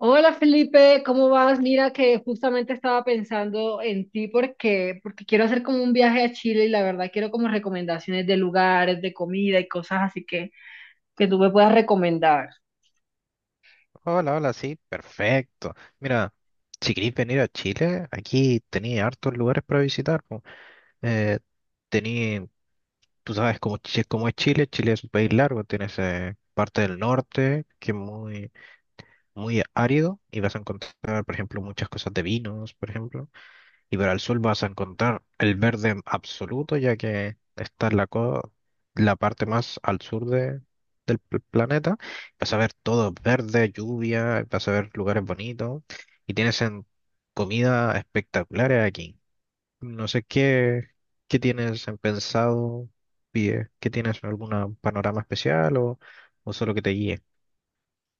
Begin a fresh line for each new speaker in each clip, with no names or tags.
Hola Felipe, ¿cómo vas? Mira que justamente estaba pensando en ti porque quiero hacer como un viaje a Chile y la verdad quiero como recomendaciones de lugares, de comida y cosas así que tú me puedas recomendar.
Hola, hola, sí, perfecto. Mira, si queréis venir a Chile, aquí tenéis hartos lugares para visitar. Po. Eh, tení- Tú sabes cómo, cómo es Chile, Chile es un país largo, tienes parte del norte, que es muy muy árido y vas a encontrar, por ejemplo, muchas cosas de vinos, por ejemplo. Y para el sur vas a encontrar el verde absoluto, ya que está en la parte más al sur de, del planeta. Vas a ver todo verde, lluvia, vas a ver lugares bonitos y tienes en comida espectacular aquí. No sé qué, qué tienes en pensado, pie, qué tienes algún panorama especial o solo que te guíe.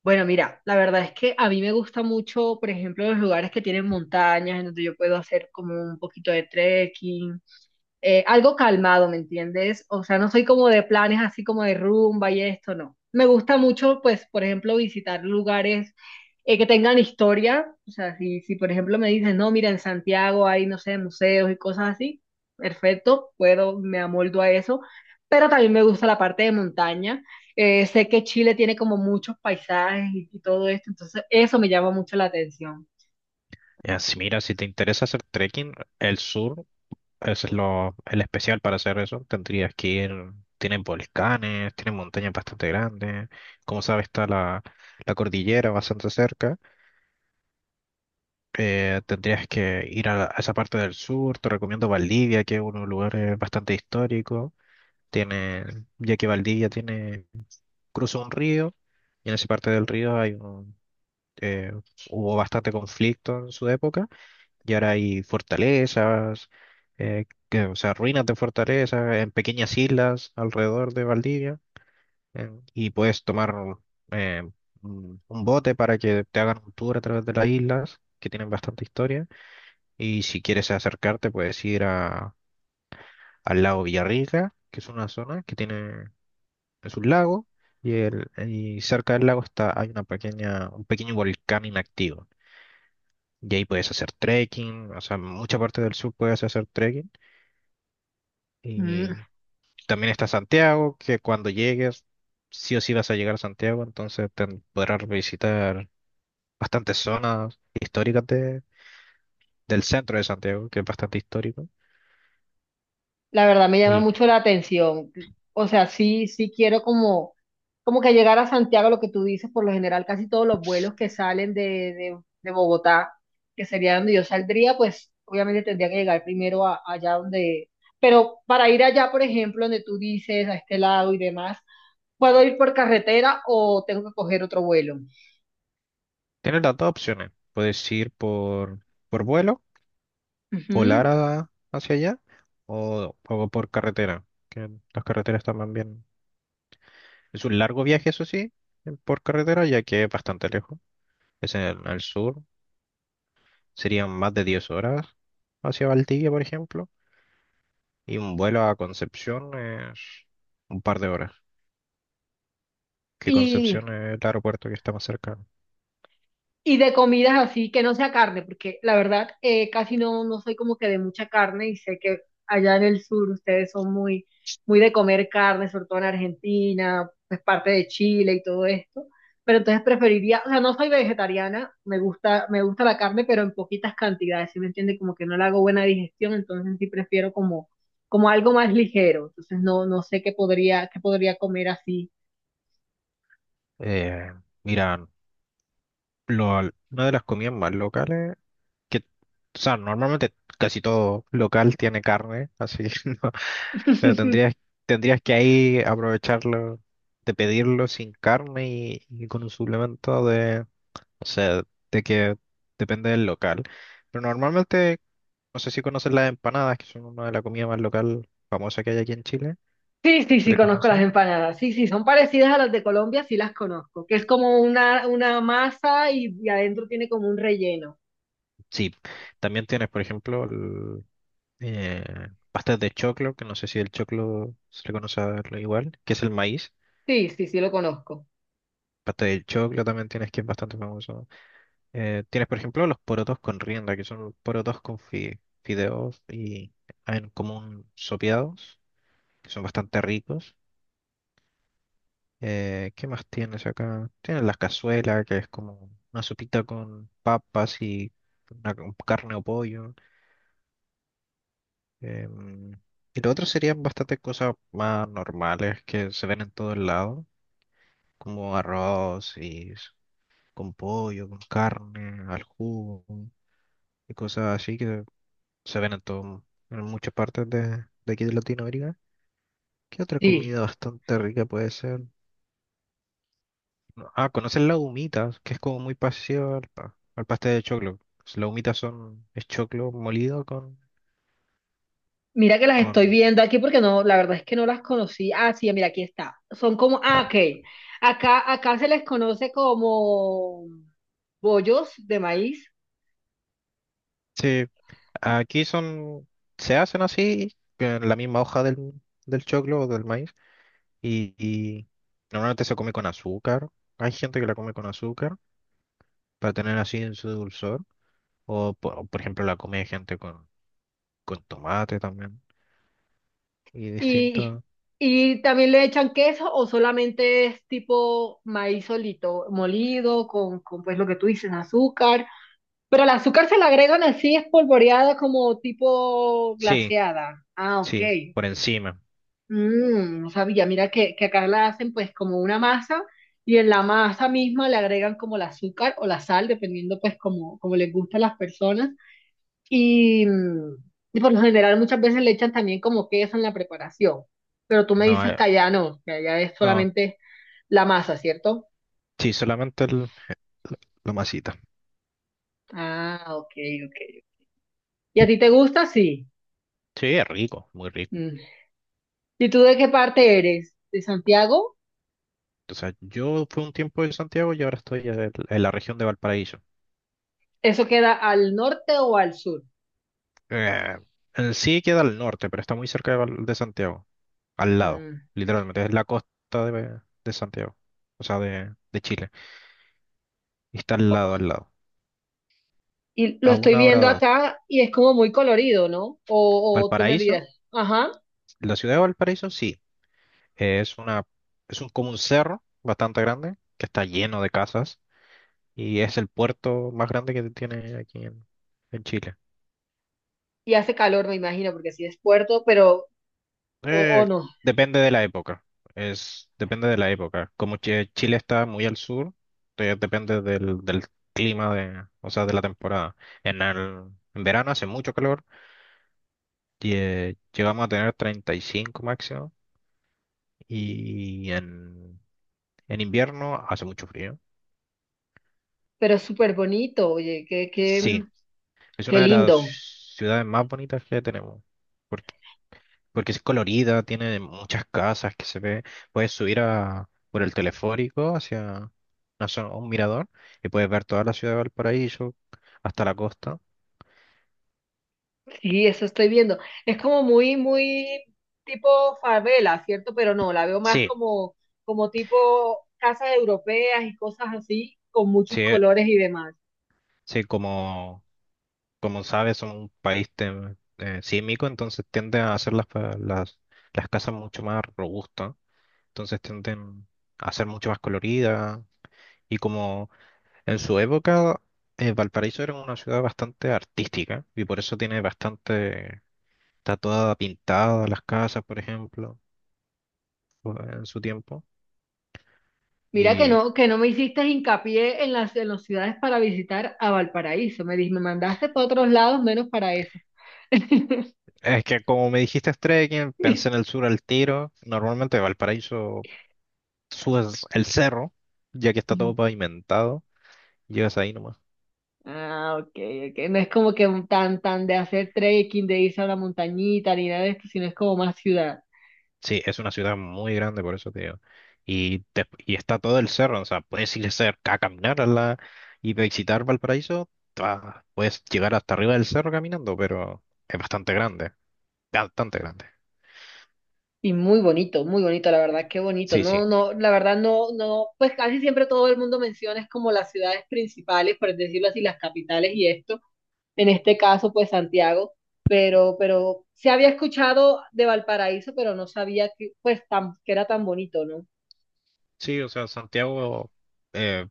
Bueno, mira, la verdad es que a mí me gusta mucho, por ejemplo, los lugares que tienen montañas en donde yo puedo hacer como un poquito de trekking, algo calmado, ¿me entiendes? O sea, no soy como de planes así como de rumba y esto, no. Me gusta mucho, pues, por ejemplo, visitar lugares, que tengan historia. O sea, si, si, por ejemplo, me dicen, no, mira, en Santiago hay, no sé, museos y cosas así, perfecto, puedo, me amoldo a eso. Pero también me gusta la parte de montaña. Sé que Chile tiene como muchos paisajes y todo esto, entonces eso me llama mucho la atención.
Ya, si mira, si te interesa hacer trekking, el sur ese es lo, el especial para hacer eso. Tendrías que ir, tienen volcanes, tienen montañas bastante grandes. Como sabes, está la, la cordillera bastante cerca. Tendrías que ir a, a esa parte del sur. Te recomiendo Valdivia, que es un lugar bastante histórico. Tiene, ya que Valdivia tiene, cruza un río, y en esa parte del río hay un, eh, hubo bastante conflicto en su época. Y ahora hay fortalezas, o sea, ruinas de fortalezas en pequeñas islas alrededor de Valdivia. Y puedes tomar eh, un bote para que te hagan un tour a través de las islas, que tienen bastante historia. Y si quieres acercarte, puedes ir a, al lago Villarrica, que es una zona que tiene, es un lago. Y, el, y cerca del lago está, hay una pequeña, un pequeño volcán inactivo. Y ahí puedes hacer trekking, o sea, en mucha parte del sur puedes hacer trekking. Y también está Santiago, que cuando llegues, sí o sí vas a llegar a Santiago, entonces te podrás visitar bastantes zonas históricas del centro de Santiago, que es bastante histórico.
La verdad me llama
Y
mucho la atención. O sea, sí quiero como, como que llegar a Santiago, lo que tú dices, por lo general casi todos los vuelos que salen de Bogotá, que sería donde yo saldría, pues obviamente tendría que llegar primero a- allá donde... Pero para ir allá, por ejemplo, donde tú dices, a este lado y demás, ¿puedo ir por carretera o tengo que coger otro vuelo?
tienes las dos opciones. Puedes ir por vuelo,
Ujú.
hacia allá, o por carretera, que las carreteras también bien. Es un largo viaje, eso sí, por carretera, ya que es bastante lejos. Es en el sur, serían más de 10 horas hacia Valdivia, por ejemplo. Y un vuelo a Concepción es un par de horas. Que Concepción es el aeropuerto que está más cercano.
Y de comidas así, que no sea carne, porque la verdad, casi no, no soy como que de mucha carne y sé que allá en el sur ustedes son muy, muy de comer carne, sobre todo en Argentina, pues parte de Chile y todo esto. Pero entonces preferiría, o sea, no soy vegetariana, me gusta la carne, pero en poquitas cantidades, ¿sí me entiende? Como que no le hago buena digestión, entonces sí prefiero como, como algo más ligero. Entonces no, no sé qué podría comer así.
Eh, Mira, lo- una de las comidas más locales, que, o sea, normalmente casi todo local tiene carne, así que no, pero tendrías, tendrías que ahí aprovecharlo, de pedirlo sin carne y con un suplemento de, o sea, de que depende del local. Pero normalmente, no sé si conoces las empanadas, que son una de las comidas más local famosa que hay aquí en Chile.
Sí, sí,
¿Se
sí,
le
conozco las
conoce?
empanadas. Sí, sí, son parecidas a las de Colombia, sí las conozco, que es como una masa y adentro tiene como un relleno.
Sí. También tienes, por ejemplo, el, eh, pastas de choclo, que no sé si el choclo se le conoce a lo igual, que es el maíz.
Sí, sí, sí, lo conozco.
Pasta de choclo también tienes, que es bastante famoso. Tienes, por ejemplo, los porotos con rienda, que son porotos con fideos y en común sopeados, que son bastante ricos. ¿Qué más tienes acá? Tienes las cazuelas, que es como una sopita con papas y una- con carne o pollo. Em, y lo otro serían bastantes cosas más normales que se ven en todos lados, como arroz y con pollo, con carne, al jugo y cosas así que se ven en todo, en muchas partes de aquí de Latinoamérica. ¿Qué otra
Sí.
comida bastante rica puede ser? No, ah, ¿conocen las humitas? Que es como muy parecido al, al pastel de choclo. Las humitas son es choclo molido
Mira que las estoy
con...
viendo aquí porque no, la verdad es que no las conocí. Ah, sí, mira, aquí está. Son como, ah,
ah,
ok. Acá se les conoce como bollos de maíz
sí. Aquí son, se hacen así, en la misma hoja del, del choclo o del maíz, y normalmente se come con azúcar. Hay gente que la come con azúcar para tener así en su dulzor, o por ejemplo la come gente con tomate también, y
y,
distinto.
y también le echan queso o solamente es tipo maíz solito, molido, con pues lo que tú dices, azúcar. Pero el azúcar se la agregan así espolvoreada como tipo
Sí,
glaseada. Ah, ok.
sí, por encima.
Mm, no sabía, mira que acá la hacen pues como una masa y en la masa misma le agregan como el azúcar o la sal, dependiendo pues como, como les gusta a las personas. Y, mm, y por lo general muchas veces le echan también como queso en la preparación. Pero tú me
No,
dices que allá no, que allá es
no,
solamente la masa, ¿cierto?
sí, solamente el, la masita.
Ah, ok, ok. ¿Y a ti te gusta? Sí.
Sí, es rico, muy rico.
¿Y tú de qué parte eres? ¿De Santiago?
O sea, yo fui un tiempo en Santiago y ahora estoy en la región de Valparaíso.
¿Eso queda al norte o al sur?
Eh, en sí queda al norte, pero está muy cerca de, de Santiago, al lado,
Mm.
literalmente, es la costa de Santiago, o sea, de Chile, y está al lado, al lado.
Y lo
A
estoy
una hora,
viendo
va.
acá y es como muy colorido, ¿no? O tú me
Valparaíso,
dirás, ajá,
la ciudad de Valparaíso, sí, es una, es un, como un cerro bastante grande, que está lleno de casas, y es el puerto más grande que tiene aquí en Chile.
y hace calor, me imagino, porque sí es puerto, pero, o,
Eh,
o no,
Depende de la época. Es, depende de la época. Como Chile está muy al sur, te- depende del, del clima de, o sea, de la temporada. En el, en verano hace mucho calor y llegamos a tener 35 máximo y en invierno hace mucho frío.
pero es súper bonito, oye,
Sí, es
qué
una de las
lindo.
ciudades más bonitas que tenemos. Porque sí es colorida, tiene muchas casas que se ve. Puedes subir a, por el teleférico hacia una zona- un mirador y puedes ver toda la ciudad de Valparaíso hasta la costa.
Sí, eso estoy viendo. Es como muy, muy tipo favela, ¿cierto? Pero no, la veo más
Sí,
como, como tipo casas europeas y cosas así, con muchos
sí,
colores y demás.
sí, como, como sabes, son un país sísmico, entonces tiende a hacer las casas mucho más robustas, entonces tienden a ser mucho más coloridas y como en su época Valparaíso era una ciudad bastante artística y por eso tiene bastante. Está toda pintada las casas, por ejemplo, o- en su tiempo.
Mira
Y
que no me hiciste hincapié en las ciudades para visitar a Valparaíso. Me dijiste, me mandaste para otros lados menos para esa.
es que como me dijiste es trekking, pensé en el sur al tiro. Normalmente Valparaíso subes el cerro, ya que está
Ujú.
todo pavimentado, llegas ahí nomás.
Ah, ok, ok. No es como que un tan, tan de hacer trekking, de irse a la montañita, ni nada de esto, sino es como más ciudad.
Sí, es una ciudad muy grande, por eso te digo. Y, y está todo el cerro, o sea, puedes ir cerca a caminar a la, y visitar Valparaíso. Ta, Puedes llegar hasta arriba del cerro caminando, pero es bastante grande, bastante grande.
Y muy bonito, la verdad, qué bonito.
Sí, sí.
No, no, la verdad no, no, pues casi siempre todo el mundo menciona es como las ciudades principales, por decirlo así, las capitales y esto. En este caso, pues Santiago, pero se había escuchado de Valparaíso, pero no sabía que, pues, tan, que era tan bonito, ¿no?
Sí, o sea, Santiago, eh,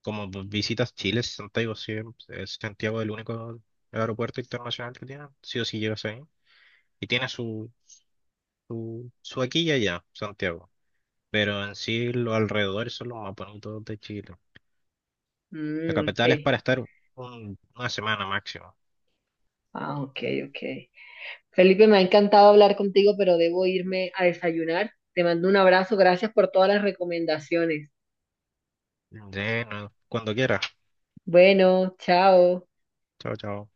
como visitas Chile, Santiago sí, es Santiago el único aeropuerto internacional que tiene, sí o sí llegas ahí. Y tiene su, su, su aquí y allá, Santiago. Pero en sí los alrededores son los más bonitos de Chile. La
Mm, ok.
capital es para estar un- una semana máximo.
Ah, ok, ok. Felipe, me ha encantado hablar contigo, pero debo irme a desayunar. Te mando un abrazo, gracias por todas las recomendaciones.
De, no, cuando quieras.
Bueno, chao.
Chao, chao.